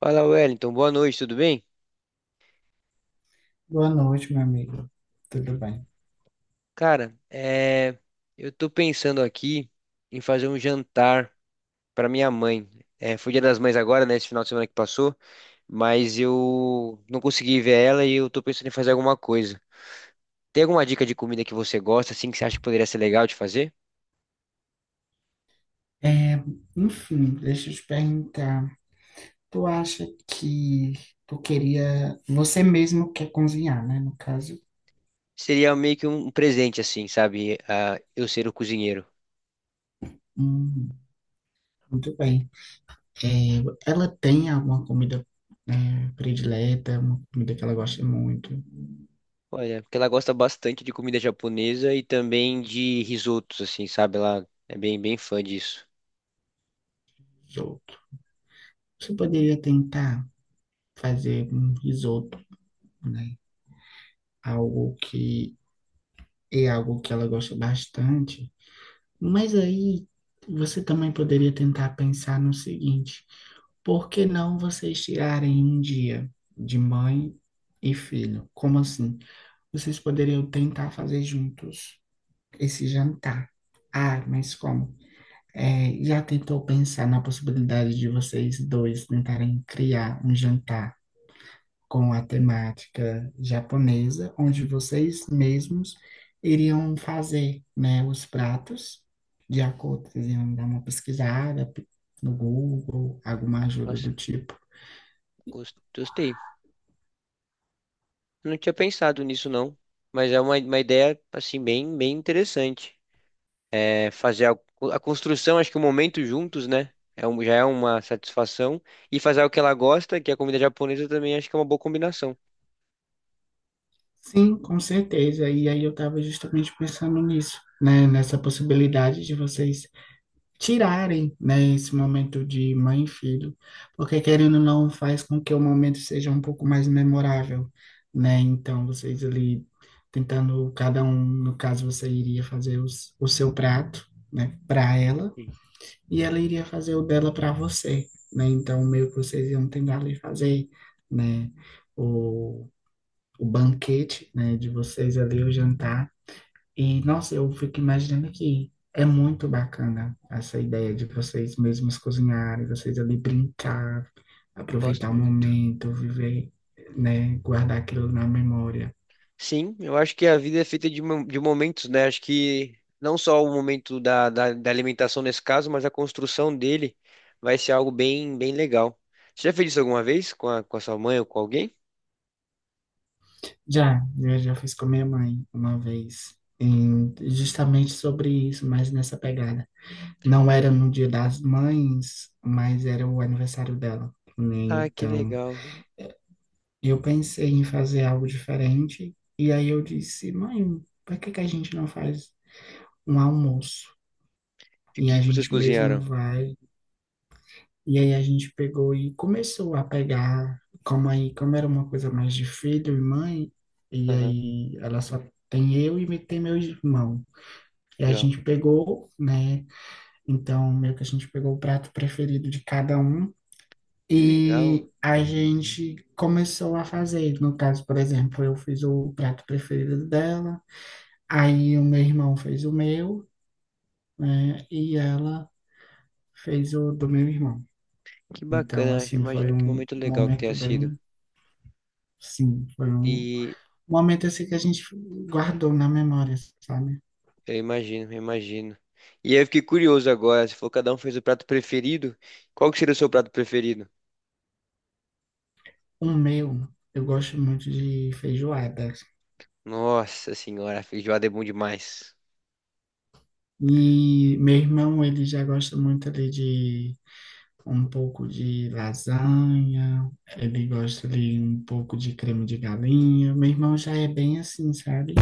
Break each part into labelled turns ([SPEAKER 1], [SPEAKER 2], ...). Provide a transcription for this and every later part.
[SPEAKER 1] Fala, Wellington. Boa noite, tudo bem?
[SPEAKER 2] Boa noite, meu amigo. Tudo bem?
[SPEAKER 1] Cara, eu tô pensando aqui em fazer um jantar pra minha mãe. Foi Dia das Mães agora, né? Esse final de semana que passou, mas eu não consegui ver ela e eu tô pensando em fazer alguma coisa. Tem alguma dica de comida que você gosta, assim, que você acha que poderia ser legal de fazer?
[SPEAKER 2] É, Enfim, deixa eu te perguntar. Tu acha que tu queria. Você mesmo quer cozinhar, né? No caso.
[SPEAKER 1] Seria meio que um presente, assim, sabe? Ah, eu ser o cozinheiro.
[SPEAKER 2] Hum, muito bem. É, Ela tem alguma comida, predileta, uma comida que ela gosta muito?
[SPEAKER 1] Olha, porque ela gosta bastante de comida japonesa e também de risotos, assim, sabe? Ela é bem fã disso.
[SPEAKER 2] Risoto. Você poderia tentar fazer um risoto, né? Algo que é algo que ela gosta bastante. Mas aí você também poderia tentar pensar no seguinte: por que não vocês tirarem um dia de mãe e filho? Como assim? Vocês poderiam tentar fazer juntos esse jantar. Ah, mas como? É, já tentou pensar na possibilidade de vocês dois tentarem criar um jantar com a temática japonesa, onde vocês mesmos iriam fazer, né, os pratos de acordo, vocês iam dar uma pesquisada no Google, alguma ajuda
[SPEAKER 1] Nossa,
[SPEAKER 2] do tipo.
[SPEAKER 1] gostei. Não tinha pensado nisso, não. Mas é uma ideia, assim, bem interessante. É fazer a construção, acho que o momento juntos, né? Já é uma satisfação. E fazer o que ela gosta, que é a comida japonesa, também acho que é uma boa combinação.
[SPEAKER 2] Sim, com certeza. E aí eu estava justamente pensando nisso, né, nessa possibilidade de vocês tirarem, né, esse momento de mãe e filho, porque querendo ou não faz com que o momento seja um pouco mais memorável, né? Então vocês ali tentando cada um, no caso você iria fazer o seu prato, né, para ela,
[SPEAKER 1] Sim,
[SPEAKER 2] e ela iria fazer o dela para você, né? Então meio que vocês iam tentar ali fazer, né, o o banquete, né, de vocês ali, o jantar, e nossa, eu fico imaginando que é muito bacana essa ideia de vocês mesmos cozinharem, vocês ali brincar, aproveitar
[SPEAKER 1] gosto
[SPEAKER 2] o
[SPEAKER 1] muito.
[SPEAKER 2] momento, viver, né, guardar aquilo na memória.
[SPEAKER 1] Sim, eu acho que a vida é feita de, de momentos, né? Acho que não só o momento da alimentação nesse caso, mas a construção dele vai ser algo bem legal. Você já fez isso alguma vez com a sua mãe ou com alguém?
[SPEAKER 2] Já, eu já fiz com minha mãe uma vez, justamente sobre isso, mas nessa pegada. Não era no Dia das Mães, mas era o aniversário dela, né?
[SPEAKER 1] Ah, que
[SPEAKER 2] Então,
[SPEAKER 1] legal.
[SPEAKER 2] eu pensei em fazer algo diferente, e aí eu disse, mãe, por que que a gente não faz um almoço?
[SPEAKER 1] E o
[SPEAKER 2] E
[SPEAKER 1] que
[SPEAKER 2] a
[SPEAKER 1] que vocês
[SPEAKER 2] gente mesmo
[SPEAKER 1] cozinharam?
[SPEAKER 2] vai. E aí a gente pegou e começou a pegar, como aí, como era uma coisa mais de filho e mãe, e
[SPEAKER 1] Aham,
[SPEAKER 2] aí ela só tem eu e tem meu irmão. E a
[SPEAKER 1] legal.
[SPEAKER 2] gente pegou, né? Então, meio que a gente pegou o prato preferido de cada um.
[SPEAKER 1] Que legal,
[SPEAKER 2] E a gente começou a fazer. No caso, por exemplo, eu fiz o prato preferido dela, aí o meu irmão fez o meu, né? E ela fez o do meu irmão.
[SPEAKER 1] que
[SPEAKER 2] Então,
[SPEAKER 1] bacana.
[SPEAKER 2] assim, foi
[SPEAKER 1] Imagino que
[SPEAKER 2] um
[SPEAKER 1] momento legal que
[SPEAKER 2] momento
[SPEAKER 1] tenha sido.
[SPEAKER 2] bem, sim, foi um
[SPEAKER 1] E
[SPEAKER 2] momento assim que a gente guardou na memória, sabe?
[SPEAKER 1] eu imagino, eu imagino. E aí eu fiquei curioso agora. Você falou que cada um fez o prato preferido. Qual que seria o seu prato preferido?
[SPEAKER 2] O meu, eu gosto muito de feijoada.
[SPEAKER 1] Nossa senhora, feijoada é bom demais.
[SPEAKER 2] E meu irmão, ele já gosta muito ali de um pouco de lasanha, ele gosta ali um pouco de creme de galinha. Meu irmão já é bem assim, sabe?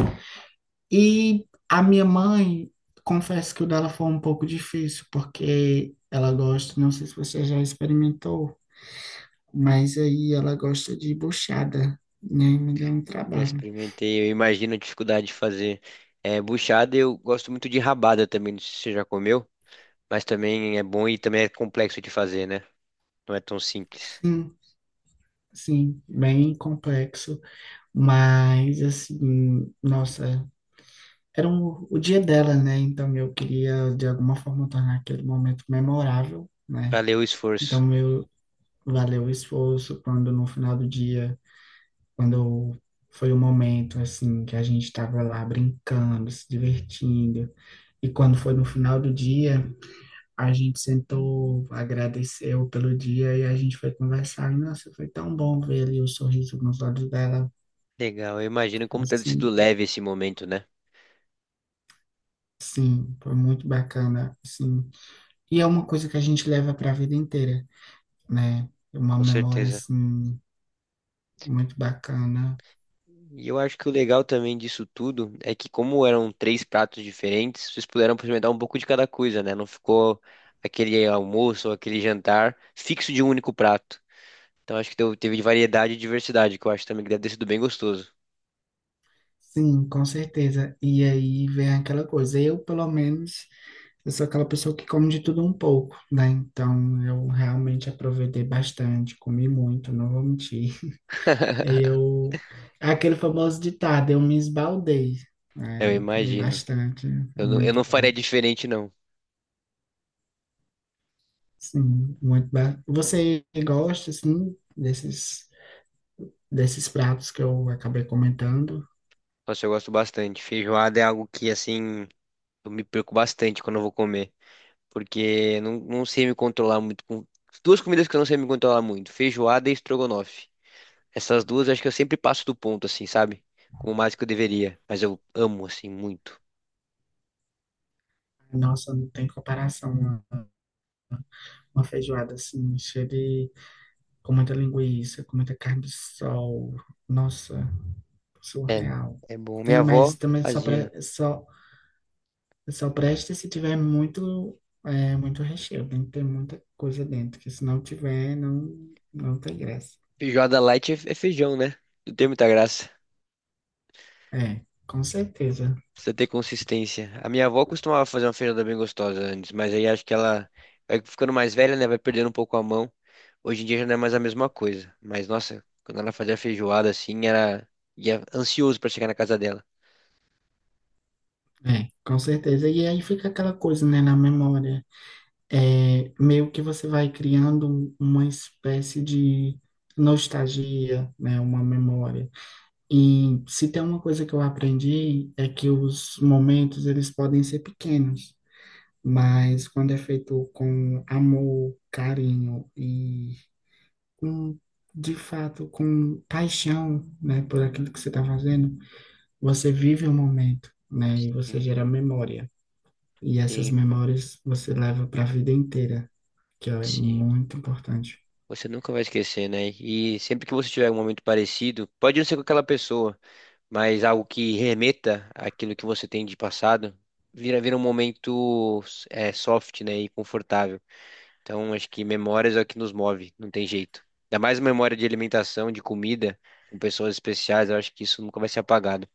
[SPEAKER 2] E a minha mãe, confesso que o dela foi um pouco difícil, porque ela gosta, não sei se você já experimentou, mas aí ela gosta de buchada, né? Me deu um
[SPEAKER 1] Já
[SPEAKER 2] trabalho.
[SPEAKER 1] experimentei, eu imagino a dificuldade de fazer. É, buchada, eu gosto muito de rabada também, não sei se você já comeu, mas também é bom e também é complexo de fazer, né? Não é tão simples.
[SPEAKER 2] Sim, sim, bem complexo, mas assim, nossa, era o dia dela, né? Então eu queria de alguma forma tornar aquele momento memorável, né?
[SPEAKER 1] Valeu o
[SPEAKER 2] Então
[SPEAKER 1] esforço.
[SPEAKER 2] meu, valeu o esforço quando no final do dia, quando foi o momento assim que a gente estava lá brincando, se divertindo, e quando foi no final do dia, a gente sentou, agradeceu pelo dia e a gente foi conversar. E nossa, foi tão bom ver ali o sorriso nos olhos dela.
[SPEAKER 1] Legal, eu imagino como deve ter sido
[SPEAKER 2] Assim,
[SPEAKER 1] leve esse momento, né?
[SPEAKER 2] sim, foi muito bacana, assim. E é uma coisa que a gente leva para a vida inteira, né? É uma
[SPEAKER 1] Com
[SPEAKER 2] memória
[SPEAKER 1] certeza.
[SPEAKER 2] assim muito bacana.
[SPEAKER 1] E eu acho que o legal também disso tudo é que, como eram três pratos diferentes, vocês puderam experimentar um pouco de cada coisa, né? Não ficou aquele almoço ou aquele jantar fixo de um único prato. Então acho que teve variedade e diversidade, que eu acho também que deve ter sido bem gostoso.
[SPEAKER 2] Sim, com certeza. E aí vem aquela coisa. Eu, pelo menos, eu sou aquela pessoa que come de tudo um pouco, né? Então, eu realmente aproveitei bastante, comi muito, não vou mentir. Eu, é aquele famoso ditado, eu me esbaldei. É,
[SPEAKER 1] Eu
[SPEAKER 2] eu comi
[SPEAKER 1] imagino.
[SPEAKER 2] bastante, é
[SPEAKER 1] Eu
[SPEAKER 2] muito
[SPEAKER 1] não
[SPEAKER 2] bom.
[SPEAKER 1] faria diferente, não.
[SPEAKER 2] Sim, muito bom. Você gosta, assim, desses, desses pratos que eu acabei comentando?
[SPEAKER 1] Nossa, eu gosto bastante. Feijoada é algo que, assim, eu me perco bastante quando eu vou comer. Porque eu não, não sei me controlar muito com. Duas comidas que eu não sei me controlar muito: feijoada e estrogonofe. Essas duas eu acho que eu sempre passo do ponto, assim, sabe? Como mais que eu deveria. Mas eu amo, assim, muito.
[SPEAKER 2] Nossa, não tem comparação. Uma feijoada, assim, cheia de, com muita linguiça, com muita carne de sol. Nossa,
[SPEAKER 1] É,
[SPEAKER 2] surreal.
[SPEAKER 1] é bom. Minha
[SPEAKER 2] Tem mais
[SPEAKER 1] avó
[SPEAKER 2] também só, pra,
[SPEAKER 1] fazia.
[SPEAKER 2] só só presta se tiver muito, é, muito recheio. Tem que ter muita coisa dentro, que se não tiver, não, não tem graça.
[SPEAKER 1] Feijoada light é feijão, né? Não tem muita graça.
[SPEAKER 2] É, com certeza.
[SPEAKER 1] Precisa ter consistência. A minha avó costumava fazer uma feijada bem gostosa antes, mas aí acho que ela vai ficando mais velha, né? Vai perdendo um pouco a mão. Hoje em dia já não é mais a mesma coisa. Mas nossa, quando ela fazia feijoada assim, era ia ansioso pra chegar na casa dela.
[SPEAKER 2] É, com certeza. E aí fica aquela coisa, né, na memória. É, meio que você vai criando um, uma espécie de nostalgia, né, uma memória. E se tem uma coisa que eu aprendi é que os momentos, eles podem ser pequenos. Mas quando é feito com amor, carinho e com, de fato, com paixão, né, por aquilo que você está fazendo, você vive o momento, né, e você
[SPEAKER 1] Sim,
[SPEAKER 2] gera memória. E essas
[SPEAKER 1] sim.
[SPEAKER 2] memórias você leva para a vida inteira, que é
[SPEAKER 1] Sim.
[SPEAKER 2] muito importante.
[SPEAKER 1] Você nunca vai esquecer, né? E sempre que você tiver um momento parecido, pode não ser com aquela pessoa, mas algo que remeta àquilo que você tem de passado, vira um momento é, soft, né? E confortável. Então, acho que memórias é o que nos move, não tem jeito. Ainda mais memória de alimentação, de comida, com pessoas especiais, eu acho que isso nunca vai ser apagado.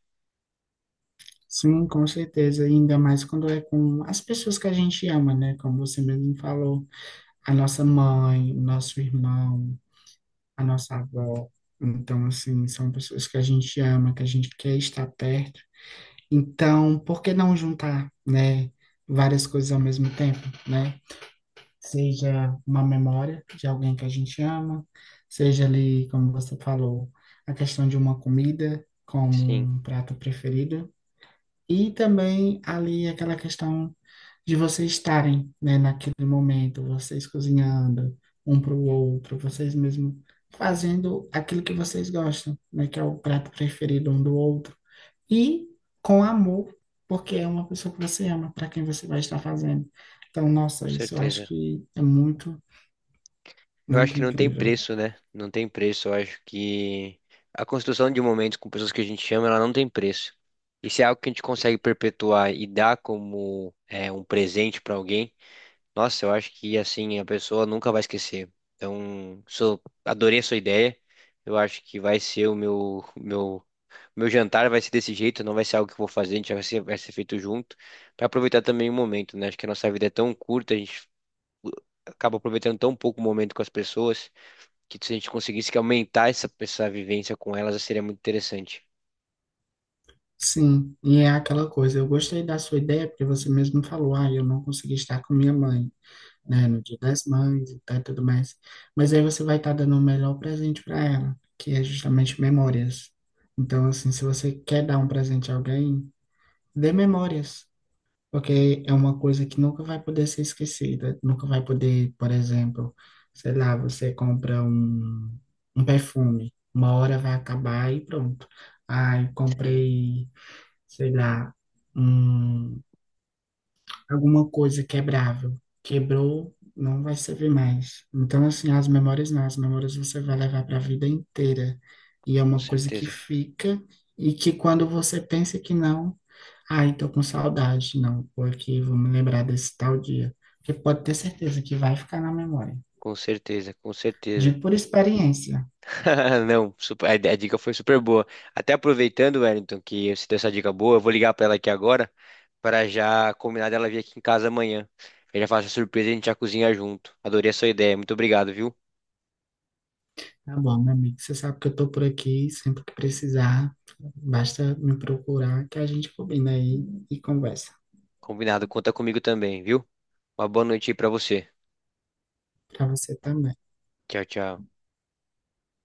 [SPEAKER 2] Sim, com certeza, e ainda mais quando é com as pessoas que a gente ama, né? Como você mesmo falou, a nossa mãe, o nosso irmão, a nossa avó. Então, assim, são pessoas que a gente ama, que a gente quer estar perto. Então, por que não juntar, né, várias coisas ao mesmo tempo, né? Seja uma memória de alguém que a gente ama, seja ali, como você falou, a questão de uma comida como
[SPEAKER 1] Sim,
[SPEAKER 2] um prato preferido, e também ali aquela questão de vocês estarem, né, naquele momento, vocês cozinhando um para o outro, vocês mesmo fazendo aquilo que vocês gostam, né, que é o prato preferido um do outro, e com amor, porque é uma pessoa que você ama, para quem você vai estar fazendo. Então,
[SPEAKER 1] com
[SPEAKER 2] nossa, isso eu acho
[SPEAKER 1] certeza.
[SPEAKER 2] que é muito,
[SPEAKER 1] Eu acho
[SPEAKER 2] muito
[SPEAKER 1] que não tem
[SPEAKER 2] incrível.
[SPEAKER 1] preço, né? Não tem preço. Eu acho que a construção de momentos com pessoas que a gente ama, ela não tem preço. E se é algo que a gente consegue perpetuar e dar como é, um presente pra alguém, nossa, eu acho que assim a pessoa nunca vai esquecer. Então, sou, adorei a sua ideia. Eu acho que vai ser o meu jantar vai ser desse jeito, não vai ser algo que eu vou fazer, a gente vai ser feito junto. Pra aproveitar também o momento, né? Acho que a nossa vida é tão curta, a gente acaba aproveitando tão pouco o momento com as pessoas que se a gente conseguisse que aumentar essa vivência com elas, seria muito interessante.
[SPEAKER 2] Sim, e é aquela coisa, eu gostei da sua ideia, porque você mesmo falou, ah, eu não consegui estar com minha mãe, né, no Dia das Mães e tal, e tudo mais. Mas aí você vai estar dando o melhor presente para ela, que é justamente memórias. Então, assim, se você quer dar um presente a alguém, dê memórias. Porque é uma coisa que nunca vai poder ser esquecida, nunca vai poder, por exemplo, sei lá, você compra um, um perfume, uma hora vai acabar e pronto. Ai,
[SPEAKER 1] Sim,
[SPEAKER 2] comprei, sei lá, um, alguma coisa quebrável. Quebrou, não vai servir mais. Então, assim, as memórias não, as memórias você vai levar para a vida inteira. E é
[SPEAKER 1] com
[SPEAKER 2] uma coisa que
[SPEAKER 1] certeza.
[SPEAKER 2] fica, e que quando você pensa que não. Ai, tô com saudade, não, porque vou me lembrar desse tal dia. Porque pode ter certeza que vai ficar na memória.
[SPEAKER 1] Com certeza, com certeza.
[SPEAKER 2] Digo por experiência.
[SPEAKER 1] Não, a dica foi super boa. Até aproveitando, Wellington, que você deu essa dica boa, eu vou ligar pra ela aqui agora para já combinar dela vir aqui em casa amanhã. Eu já faço a surpresa e a gente já cozinha junto. Adorei a sua ideia. Muito obrigado, viu?
[SPEAKER 2] Tá bom, meu amigo, você sabe que eu tô por aqui, sempre que precisar, basta me procurar que a gente combina aí e conversa.
[SPEAKER 1] Combinado. Conta comigo também, viu? Uma boa noite aí pra você.
[SPEAKER 2] Pra você também.
[SPEAKER 1] Tchau, tchau.